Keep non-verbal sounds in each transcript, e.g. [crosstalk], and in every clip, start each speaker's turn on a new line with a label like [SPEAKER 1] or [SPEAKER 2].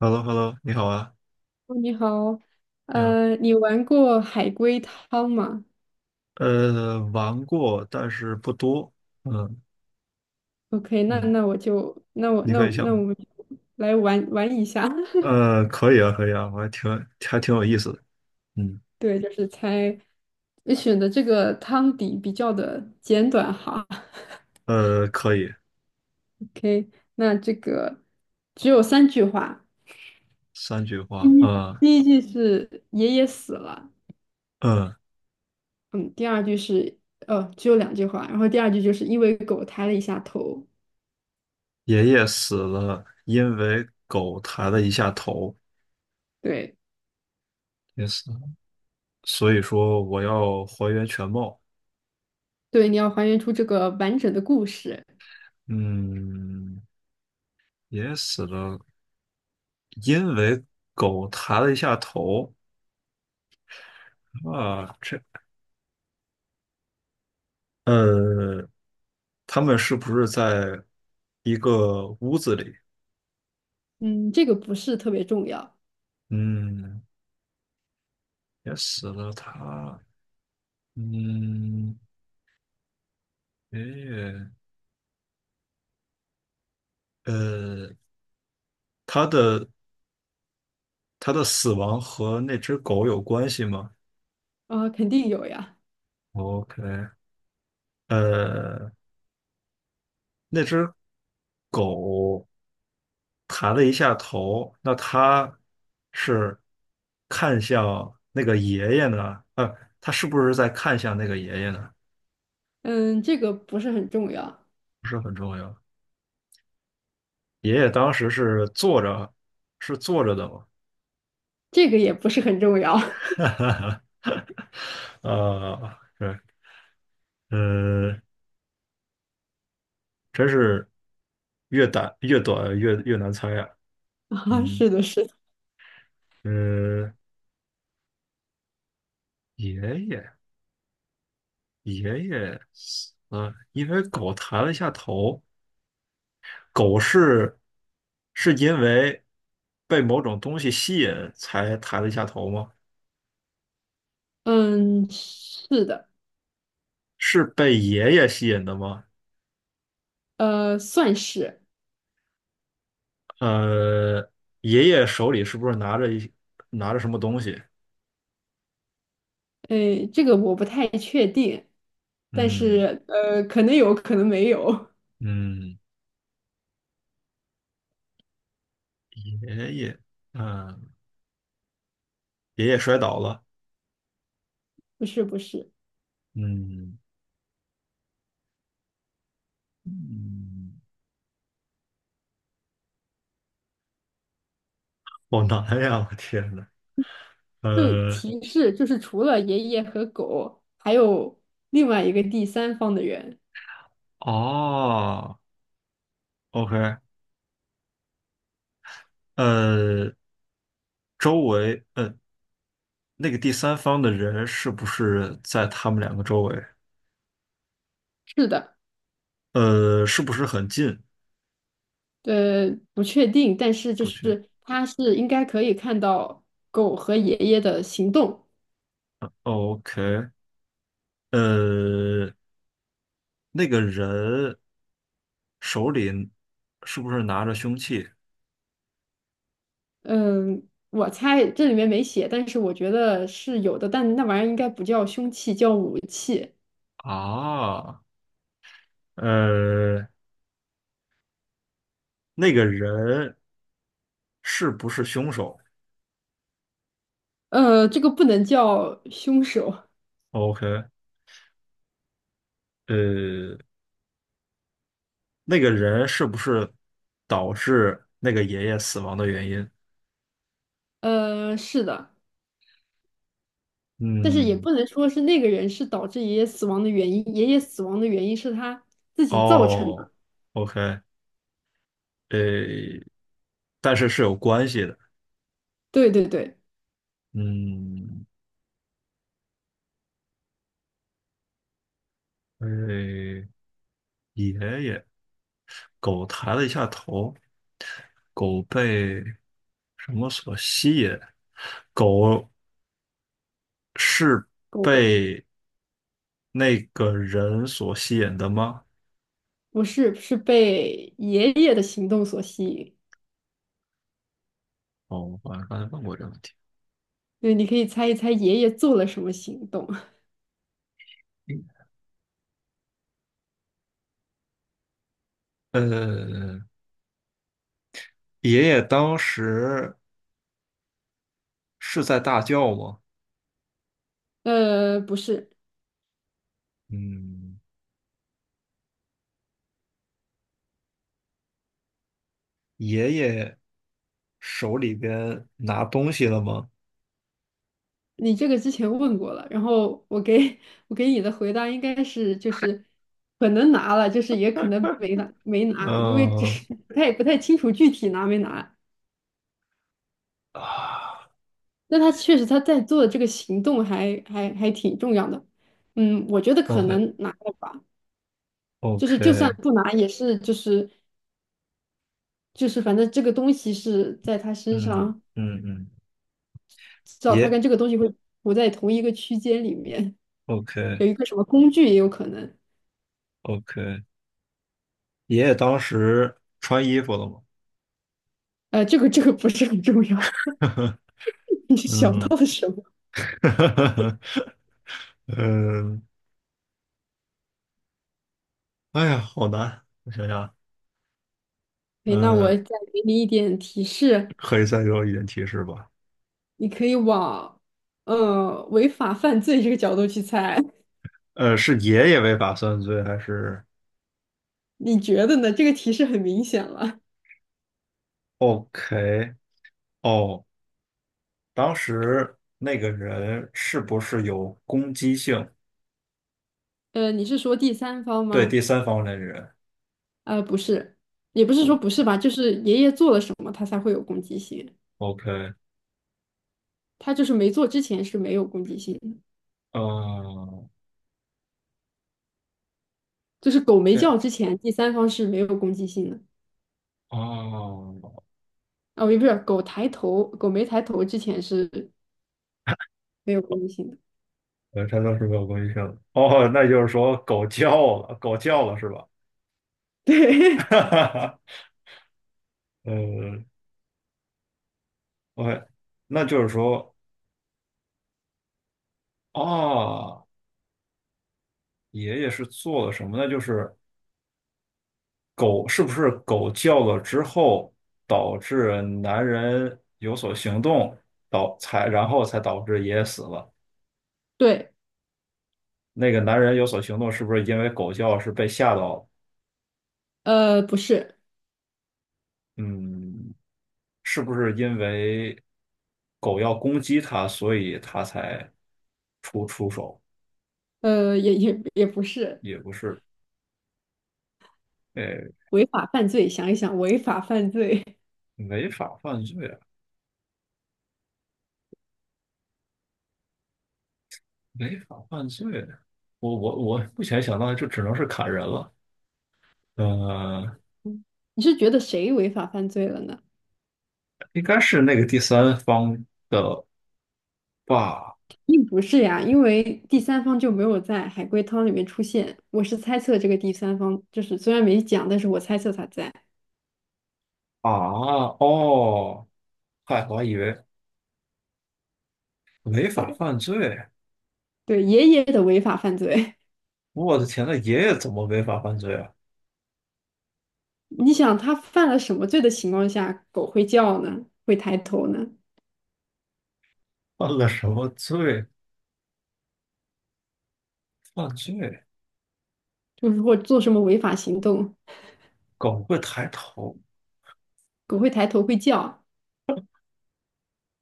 [SPEAKER 1] h e l l o h e l l o 你好啊，
[SPEAKER 2] 哦你好，
[SPEAKER 1] 你好。
[SPEAKER 2] 你玩过海龟汤吗
[SPEAKER 1] 玩过，但是不多。嗯
[SPEAKER 2] ？OK，那
[SPEAKER 1] 嗯。
[SPEAKER 2] 那我就那我
[SPEAKER 1] 你
[SPEAKER 2] 那
[SPEAKER 1] 可以想
[SPEAKER 2] 那我
[SPEAKER 1] 吗。
[SPEAKER 2] 们就来玩一下，[laughs]
[SPEAKER 1] 可以啊，可以啊，我还挺还挺有意思的。嗯，
[SPEAKER 2] 对，就是猜，你选的这个汤底比较的简短哈。[laughs]
[SPEAKER 1] 可以，
[SPEAKER 2] OK,那这个只有三句话，
[SPEAKER 1] 三句
[SPEAKER 2] 第
[SPEAKER 1] 话。
[SPEAKER 2] 一
[SPEAKER 1] 嗯
[SPEAKER 2] 第一句是爷爷死了。
[SPEAKER 1] 嗯。
[SPEAKER 2] 嗯，第二句是只有两句话，然后第二句就是因为狗抬了一下头。
[SPEAKER 1] 爷爷死了，因为狗抬了一下头，
[SPEAKER 2] 对
[SPEAKER 1] 也死了。所以说我要还原全貌。
[SPEAKER 2] 对，你要还原出这个完整的故事。
[SPEAKER 1] 嗯。爷爷死了，因为狗抬了一下头啊，这。呃，他们是不是在一个屋子里？
[SPEAKER 2] 嗯，这个不是特别重要。
[SPEAKER 1] 嗯，也死了他。嗯，爷爷，呃，他的他的死亡和那只狗有关系吗
[SPEAKER 2] 啊，肯定有呀。
[SPEAKER 1] ？OK。呃，那只狗抬了一下头，那它是看向那个爷爷呢？它是不是在看向那个爷爷呢？
[SPEAKER 2] 嗯，这个不是很重要，
[SPEAKER 1] 不是很重要。爷爷当时是坐着，是坐着的嘛，
[SPEAKER 2] 这个也不是很重要。
[SPEAKER 1] [laughs] 对，呃，真是越短越短越难猜啊。
[SPEAKER 2] [laughs] 啊，
[SPEAKER 1] 嗯。
[SPEAKER 2] 是的，是的。
[SPEAKER 1] 呃，爷爷爷爷，因为狗抬了一下头，狗是是因为被某种东西吸引才抬了一下头吗？
[SPEAKER 2] 嗯，是的。
[SPEAKER 1] 是被爷爷吸引的吗？
[SPEAKER 2] 算是。
[SPEAKER 1] 呃，爷爷手里是不是拿着一拿着什么东西？
[SPEAKER 2] 哎，这个我不太确定，但
[SPEAKER 1] 嗯。
[SPEAKER 2] 是可能有可能没有。
[SPEAKER 1] 嗯，爷爷，嗯，爷爷摔倒了。
[SPEAKER 2] [laughs] 不是不是，
[SPEAKER 1] 嗯嗯。好难呀！我天呐。
[SPEAKER 2] 就
[SPEAKER 1] 呃，
[SPEAKER 2] 提示就是除了爷爷和狗，还有另外一个第三方的人。
[SPEAKER 1] 哦，OK。呃，周围，那个第三方的人是不是在他们两个周围？
[SPEAKER 2] 是的。
[SPEAKER 1] 是不是很近？
[SPEAKER 2] 不确定，但是就
[SPEAKER 1] 不去。
[SPEAKER 2] 是它是应该可以看到狗和爷爷的行动。
[SPEAKER 1] 哦， OK。呃，那个人手里是不是拿着凶器
[SPEAKER 2] 嗯，我猜这里面没写，但是我觉得是有的，但那玩意儿应该不叫凶器，叫武器。
[SPEAKER 1] 啊？呃，那个人是不是凶手
[SPEAKER 2] 这个不能叫凶手。
[SPEAKER 1] ？OK。呃，那个人是不是导致那个爷爷死亡的原因？
[SPEAKER 2] 是的，但是也
[SPEAKER 1] 嗯，
[SPEAKER 2] 不能说是那个人是导致爷爷死亡的原因，爷爷死亡的原因是他自己造成
[SPEAKER 1] 哦
[SPEAKER 2] 的。
[SPEAKER 1] ，OK。呃，但是是有关系的。
[SPEAKER 2] 对，
[SPEAKER 1] 嗯。呃，爷爷，狗抬了一下头，狗被什么所吸引？狗是
[SPEAKER 2] 狗
[SPEAKER 1] 被那个人所吸引的吗？
[SPEAKER 2] 不是，是被爷爷的行动所吸引。
[SPEAKER 1] 哦，我好像刚才问过这个问题。
[SPEAKER 2] 对，你可以猜一猜爷爷做了什么行动。[laughs]
[SPEAKER 1] 呃，爷爷当时是在大叫吗？
[SPEAKER 2] 不是，
[SPEAKER 1] 嗯。爷爷手里边拿东西了吗？
[SPEAKER 2] 你这个之前问过了，然后我给 [laughs] 我给你的回答应该是就是可能拿了，就是也可能没拿，因为这
[SPEAKER 1] 嗯
[SPEAKER 2] 是 [laughs] 不太清楚具体拿没拿。
[SPEAKER 1] 啊
[SPEAKER 2] 那他确实他在做的这个行动还挺重要的。嗯，我觉得可
[SPEAKER 1] ，OK。
[SPEAKER 2] 能拿了吧，就
[SPEAKER 1] OK，
[SPEAKER 2] 是就算不拿也是就是反正这个东西是在他身
[SPEAKER 1] 嗯
[SPEAKER 2] 上，
[SPEAKER 1] 嗯嗯，
[SPEAKER 2] 至少他
[SPEAKER 1] 爷
[SPEAKER 2] 跟这个东西会不在同一个区间里面。
[SPEAKER 1] OK。
[SPEAKER 2] 有一个什么工具也有可能。
[SPEAKER 1] OK，爷爷当时穿衣服了吗？
[SPEAKER 2] 这个不是很重要。[laughs] 你
[SPEAKER 1] [laughs]
[SPEAKER 2] 想
[SPEAKER 1] 嗯。
[SPEAKER 2] 到了什么？
[SPEAKER 1] [laughs] 嗯，哎呀，好难，我想想，
[SPEAKER 2] 哎，那我
[SPEAKER 1] 嗯，
[SPEAKER 2] 再给你一点提示，
[SPEAKER 1] 可以再给我一点提示吧？
[SPEAKER 2] 你可以往违法犯罪这个角度去猜。
[SPEAKER 1] 是爷爷违打算罪还是
[SPEAKER 2] [laughs] 你觉得呢？这个提示很明显了。
[SPEAKER 1] ？OK。哦，当时那个人是不是有攻击性？
[SPEAKER 2] 你是说第三方
[SPEAKER 1] 对
[SPEAKER 2] 吗？
[SPEAKER 1] 第三方的人，
[SPEAKER 2] 不是，也不是
[SPEAKER 1] 我
[SPEAKER 2] 说不是吧，就是爷爷做了什么，他才会有攻击性。
[SPEAKER 1] OK。
[SPEAKER 2] 他就是没做之前是没有攻击性的，
[SPEAKER 1] 嗯，
[SPEAKER 2] 就是狗没
[SPEAKER 1] 哎，
[SPEAKER 2] 叫之前，第三方是没有攻击性的。
[SPEAKER 1] 哦，
[SPEAKER 2] 哦，也不是，狗抬头，狗没抬头之前是没有攻击性的。
[SPEAKER 1] 他当时没有攻击性。哦，那就是说狗叫了，狗叫了是吧？
[SPEAKER 2] [laughs]
[SPEAKER 1] [laughs]
[SPEAKER 2] 对
[SPEAKER 1] 哈。呃，OK，那就是说啊，爷爷是做了什么呢？就是狗是不是狗叫了之后，导致男人有所行动，然后才导致爷爷死了。
[SPEAKER 2] 对，
[SPEAKER 1] 那个男人有所行动，是不是因为狗叫是被吓到了。
[SPEAKER 2] 不是，
[SPEAKER 1] 嗯，是不是因为狗要攻击他，所以他才出手？
[SPEAKER 2] 也不是
[SPEAKER 1] 也不是，哎，
[SPEAKER 2] 违法犯罪。想一想，违法犯罪。
[SPEAKER 1] 违法犯罪啊。违法犯罪，我目前想到的就只能是砍人了。呃，
[SPEAKER 2] [laughs] 你是觉得谁违法犯罪了呢？
[SPEAKER 1] 应该是那个第三方吧？
[SPEAKER 2] 并不是呀，因为第三方就没有在海龟汤里面出现。我是猜测这个第三方，就是虽然没讲，但是我猜测他在。
[SPEAKER 1] 啊，哦，嗨，我还以为违法
[SPEAKER 2] 对
[SPEAKER 1] 犯罪。
[SPEAKER 2] 对，爷爷的违法犯罪。
[SPEAKER 1] 我的天，那爷爷怎么违法犯罪啊？
[SPEAKER 2] [laughs] 你想他犯了什么罪的情况下，狗会叫呢？会抬头呢？
[SPEAKER 1] 犯了什么罪？犯罪？
[SPEAKER 2] 就是或做什么违法行动，
[SPEAKER 1] 狗会抬头？
[SPEAKER 2] 狗会抬头会叫。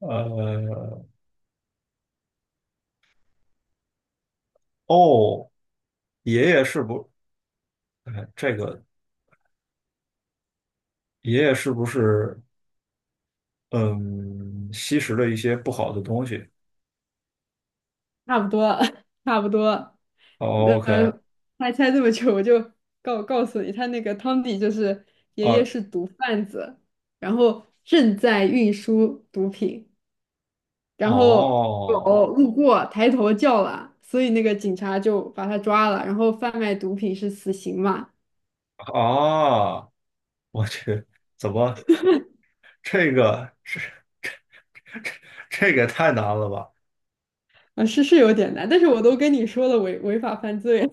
[SPEAKER 1] 呃，哦，爷爷是不？哎，爷爷是不是嗯吸食了一些不好的东西
[SPEAKER 2] 差不多。[laughs] 差不多。
[SPEAKER 1] 哦？OK。
[SPEAKER 2] 呃，还猜这么久，我就告诉你，他那个汤底就是爷爷
[SPEAKER 1] 啊，
[SPEAKER 2] 是毒贩子，然后正在运输毒品，然后
[SPEAKER 1] 哦
[SPEAKER 2] 狗路过抬头叫了，所以那个警察就把他抓了，然后贩卖毒品是死刑嘛。
[SPEAKER 1] 啊，我去，怎么这个这这个也太难了吧？
[SPEAKER 2] 啊，是是有点难，但是我都跟你说了违法犯罪，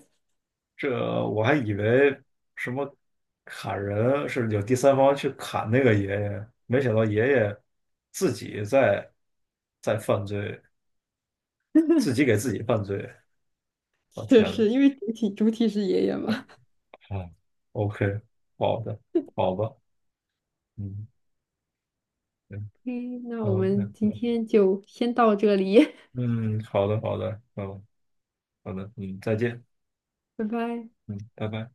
[SPEAKER 1] 这我还以为什么砍人是有第三方去砍那个爷爷，没想到爷爷自己在犯罪，自己给自己犯罪。
[SPEAKER 2] [laughs]
[SPEAKER 1] 我、
[SPEAKER 2] 是
[SPEAKER 1] 天呐，
[SPEAKER 2] 是，因为主体是爷爷嘛。
[SPEAKER 1] 啊，OK。好的，好吧，嗯。嗯
[SPEAKER 2] 嗯，那我们
[SPEAKER 1] ，OK，
[SPEAKER 2] 今天就先到这里。
[SPEAKER 1] 嗯，好的，好的，嗯，好的，嗯，再见，
[SPEAKER 2] [laughs] 拜拜。
[SPEAKER 1] 嗯，拜拜。